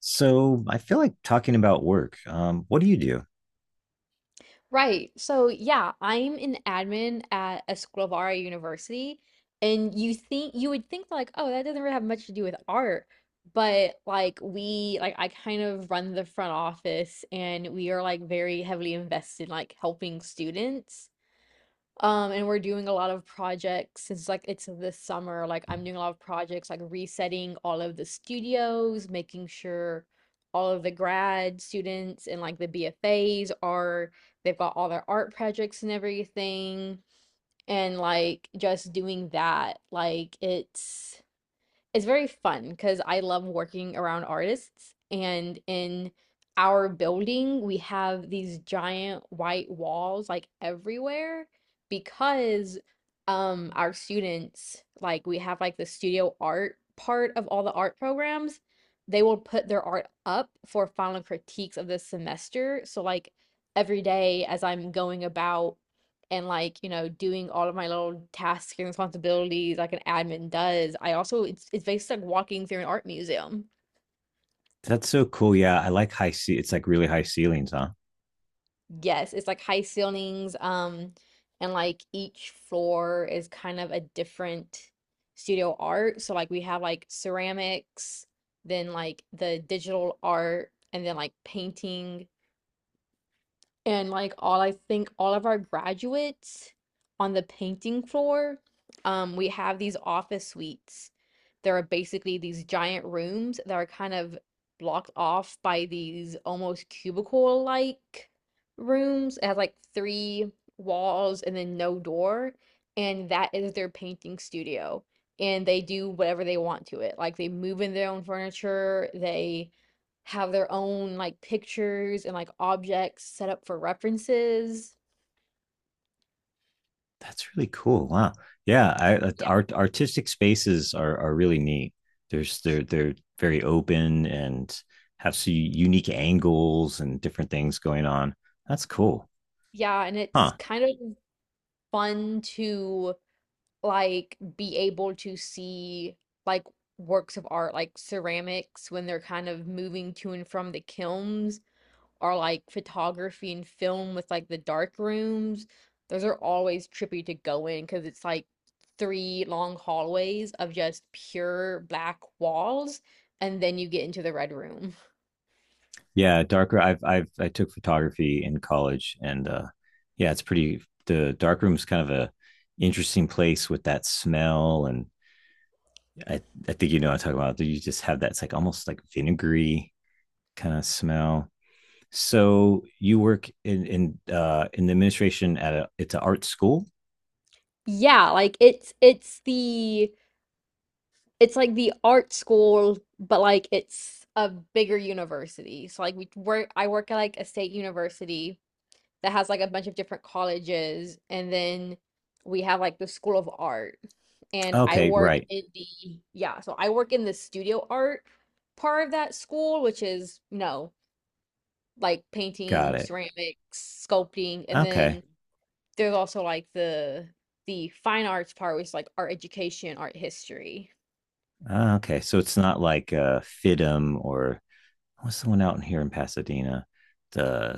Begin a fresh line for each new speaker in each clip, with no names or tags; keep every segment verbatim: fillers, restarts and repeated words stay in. So I feel like talking about work. Um, what do you do?
Right. So, yeah, I'm an admin at Escobar University, and you think you would think like, oh, that doesn't really have much to do with art, but like we like I kind of run the front office and we are like very heavily invested in like helping students. Um, and we're doing a lot of projects since like it's this summer. Like I'm doing a lot of projects, like resetting all of the studios, making sure all of the grad students and like the B F As are they've got all their art projects and everything. And like just doing that, like it's it's very fun because I love working around artists. And in our building, we have these giant white walls like everywhere because um our students like we have like the studio art part of all the art programs. They will put their art up for final critiques of the semester. So like every day as I'm going about and like you know doing all of my little tasks and responsibilities like an admin does, I also it's, it's basically like walking through an art museum.
That's so cool. Yeah, I like high ce- it's like really high ceilings, huh?
Yes, it's like high ceilings. Um and like each floor is kind of a different studio art, so like we have like ceramics, then like the digital art, and then like painting, and like all, I think all of our graduates on the painting floor, um, we have these office suites. There are basically these giant rooms that are kind of blocked off by these almost cubicle-like rooms. It has like three walls and then no door, and that is their painting studio. And they do whatever they want to it. Like they move in their own furniture, they have their own like pictures and like objects set up for references.
That's really cool. Wow. Yeah, I, uh,
Yeah.
art, artistic spaces are are really neat. There's they're they're very open and have some unique angles and different things going on. That's cool,
Yeah, and
huh?
it's kind of fun to like be able to see like works of art like ceramics when they're kind of moving to and from the kilns, or like photography and film with like the dark rooms. Those are always trippy to go in because it's like three long hallways of just pure black walls, and then you get into the red room.
Yeah, darker. I've I've I took photography in college, and uh, yeah, it's pretty. The dark room's kind of a interesting place with that smell and I, I think you know what I'm talking about. You just have that it's like almost like vinegary kind of smell. So you work in in uh in the administration at a it's an art school.
Yeah, like it's it's the it's like the art school, but like it's a bigger university. So like we work I work at like a state university that has like a bunch of different colleges, and then we have like the School of Art. And I
Okay,
work
right,
in the, yeah, so I work in the studio art part of that school, which is, you know, like
got
painting,
it.
ceramics, sculpting, and
Okay,
then there's also like the the fine arts part, which is like art education, art history.
ah, okay. So it's not like uh F I D M or what's the one out in here in Pasadena, the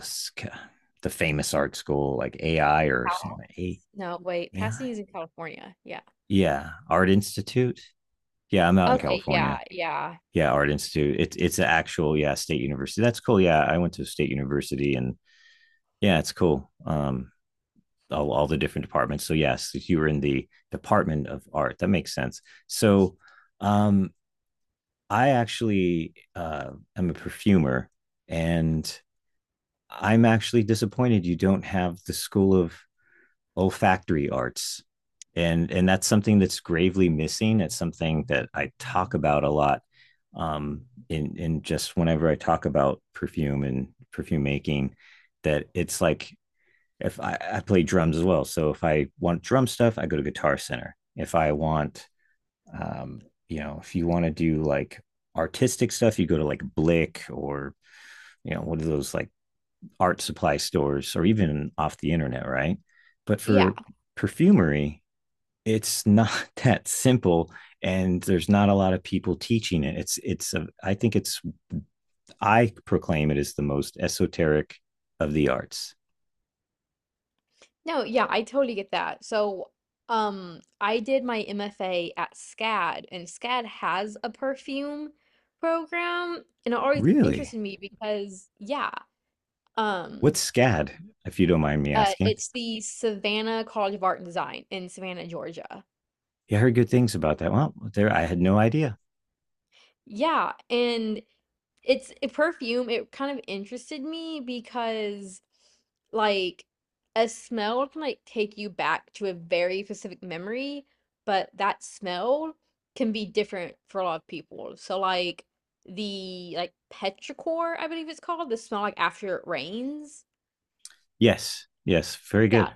the famous art school like A I or
Cal-
something. A
No, wait,
AI,
Pasadena's in California. Yeah.
yeah, Art Institute. Yeah, I'm out
Yeah.
in
Okay, yeah,
California.
yeah.
Yeah, Art Institute. It's it's an actual, yeah, state university. That's cool. Yeah, I went to a state university, and yeah, it's cool. um all, all the different departments. So yes, if you were in the department of art, that makes sense. So, um I actually, uh am a perfumer, and I'm actually disappointed you don't have the school of olfactory arts. and and that's something that's gravely missing. It's something that I talk about a lot, um in in just whenever I talk about perfume and perfume making, that it's like if i, I play drums as well. So if I want drum stuff, I go to Guitar Center. If I want, um you know, if you want to do like artistic stuff, you go to like Blick or, you know, one of those like art supply stores or even off the internet, right? But
Yeah.
for perfumery, it's not that simple, and there's not a lot of people teaching it. it's it's a, I think it's, I proclaim it as the most esoteric of the arts.
No, yeah, I totally get that. So, um, I did my M F A at SCAD, and SCAD has a perfume program, and it always
Really?
interested me because, yeah, um,
What's SCAD, if you don't mind me
uh,
asking?
it's the Savannah College of Art and Design in Savannah, Georgia.
You heard good things about that. Well, there, I had no idea.
Yeah. And it's a perfume. It kind of interested me because, like, a smell can like take you back to a very specific memory, but that smell can be different for a lot of people. So, like, the like petrichor, I believe it's called, the smell like after it rains.
Yes, yes, very good.
Yeah,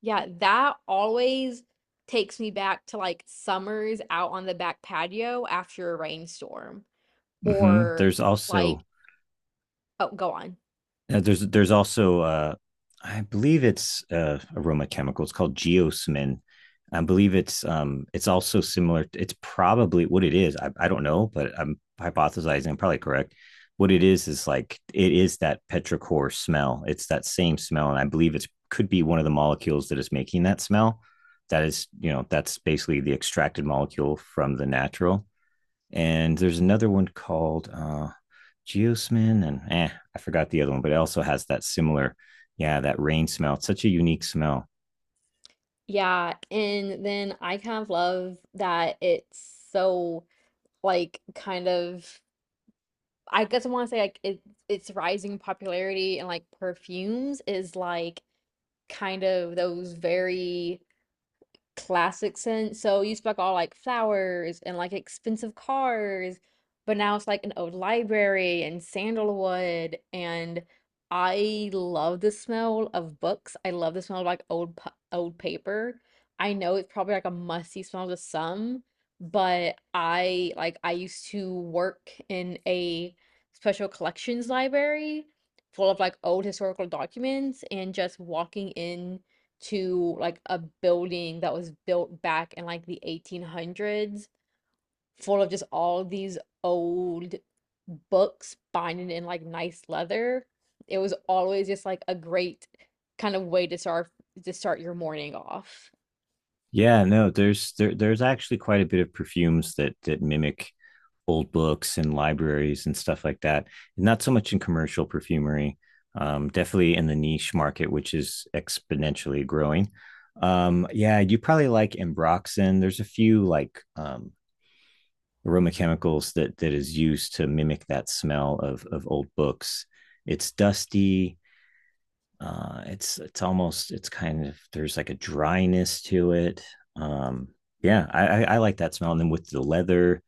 yeah, that always takes me back to like summers out on the back patio after a rainstorm,
Hmm,
or
there's
like,
also,
oh, go on.
Uh, there's there's also uh, I believe it's, uh, aroma chemical. It's called geosmin. I believe it's, um it's also similar. It's probably what it is. I, I don't know, but I'm hypothesizing. I'm probably correct. What it is is like it is that petrichor smell. It's that same smell, and I believe it's could be one of the molecules that is making that smell. That is, you know, that's basically the extracted molecule from the natural. And there's another one called uh, geosmin and eh, I forgot the other one, but it also has that similar, yeah, that rain smell. It's such a unique smell.
Yeah, and then I kind of love that it's so like kind of, I guess I want to say like it, its rising popularity and like perfumes is like kind of those very classic scent. So you used to be like all like flowers and like expensive cars, but now it's like an old library and sandalwood. And I love the smell of books. I love the smell of like old pa- old paper. I know it's probably like a musty smell to some, but I like I used to work in a special collections library full of like old historical documents, and just walking in to like a building that was built back in like the eighteen hundreds, full of just all these old books binding in like nice leather. It was always just like a great kind of way to start to start your morning off.
Yeah, no, there's there, there's actually quite a bit of perfumes that that mimic old books and libraries and stuff like that. Not so much in commercial perfumery, um, definitely in the niche market, which is exponentially growing. Um, yeah, you probably like Embroxen. There's a few like, um, aroma chemicals that that is used to mimic that smell of of old books. It's dusty, uh it's it's almost, it's kind of, there's like a dryness to it, um yeah, i i, I like that smell. And then with the leather,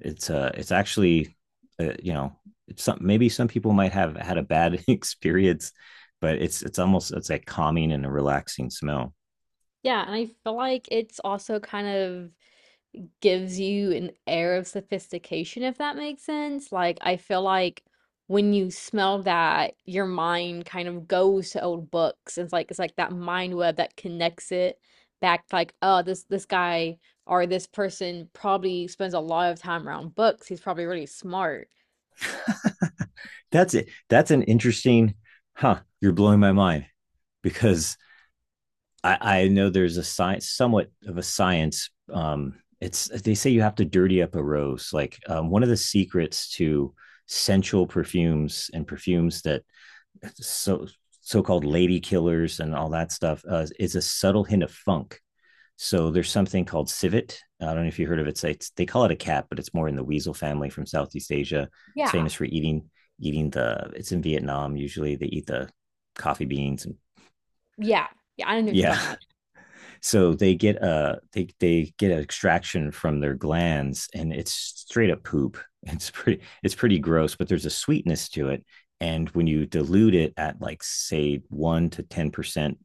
it's, uh it's actually, uh, you know, it's some, maybe some people might have had a bad experience, but it's it's almost, it's like calming and a relaxing smell.
Yeah, and I feel like it's also kind of gives you an air of sophistication, if that makes sense. Like, I feel like when you smell that, your mind kind of goes to old books. It's like it's like that mind web that connects it back, like, oh, this this guy or this person probably spends a lot of time around books. He's probably really smart.
That's it, that's an interesting, huh? You're blowing my mind because I, I know there's a science, somewhat of a science. Um, it's, they say you have to dirty up a rose. Like, um, one of the secrets to sensual perfumes and perfumes that, so so-called lady killers and all that stuff, uh, is a subtle hint of funk. So there's something called civet. I don't know if you heard of it. It's, it's, they call it a cat, but it's more in the weasel family from Southeast Asia. It's
Yeah.
famous for eating, eating the. It's in Vietnam usually. They eat the coffee beans, and
Yeah. Yeah, I know what you're
yeah.
talking about.
So they get a, they they get an extraction from their glands, and it's straight up poop. It's pretty, it's pretty gross, but there's a sweetness to it. And when you dilute it at like say one to ten percent,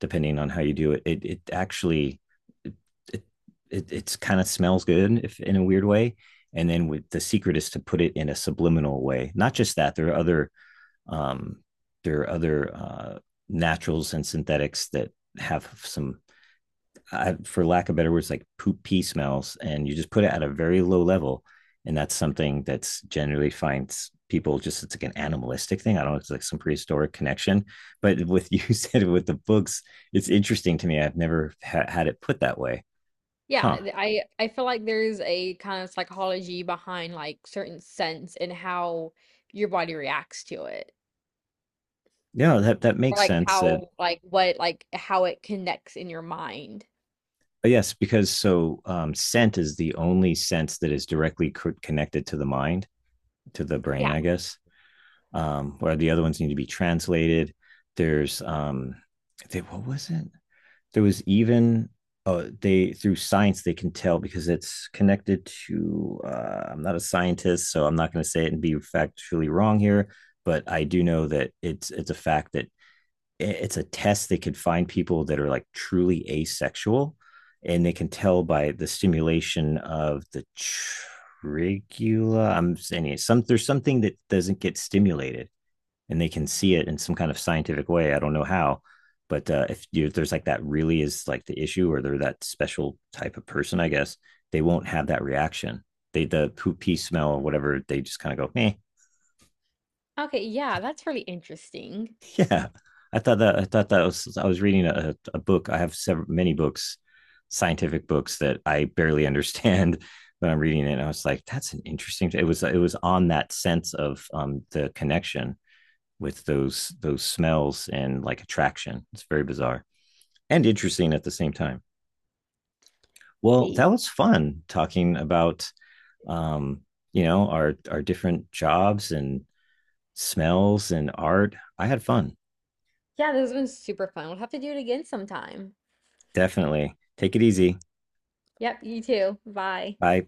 depending on how you do it, it it actually it it, it it's kind of smells good if in a weird way. And then with the secret is to put it in a subliminal way. Not just that, there are other, um, there are other, uh, naturals and synthetics that have some, I, for lack of better words, like poop pee smells, and you just put it at a very low level, and that's something that's generally finds people just it's like an animalistic thing. I don't know, it's like some prehistoric connection. But with, you said with the books, it's interesting to me. I've never ha- had it put that way,
Yeah,
huh?
th- I I feel like there's a kind of psychology behind like certain scents and how your body reacts to it.
Yeah, that that
Or
makes
like
sense. That,
how like what like how it connects in your mind.
yes, because so, um, scent is the only sense that is directly co- connected to the mind, to the brain,
Yeah.
I guess. Um, where the other ones need to be translated. There's, um, they, what was it? There was even, oh, they through science they can tell because it's connected to. Uh, I'm not a scientist, so I'm not going to say it and be factually wrong here, but I do know that it's it's a fact that it's a test they could find people that are like truly asexual, and they can tell by the stimulation of the trigula. I'm saying some, there's something that doesn't get stimulated, and they can see it in some kind of scientific way. I don't know how, but uh, if you, there's like that really is like the issue, or they're that special type of person, I guess they won't have that reaction. They the poop pee smell or whatever, they just kind of go, eh.
Okay, yeah, that's really interesting.
Yeah. I thought that, I thought that was, I was reading a, a book. I have several many books, scientific books that I barely understand when I'm reading it. And I was like, that's an interesting. It was, it was on that sense of, um, the connection with those those smells and like attraction. It's very bizarre and interesting at the same time. Well,
Okay.
that was fun talking about, um, you know, our our different jobs and smells and art. I had fun.
Yeah, this has been super fun. We'll have to do it again sometime.
Definitely. Take it easy.
Yep, you too. Bye.
Bye.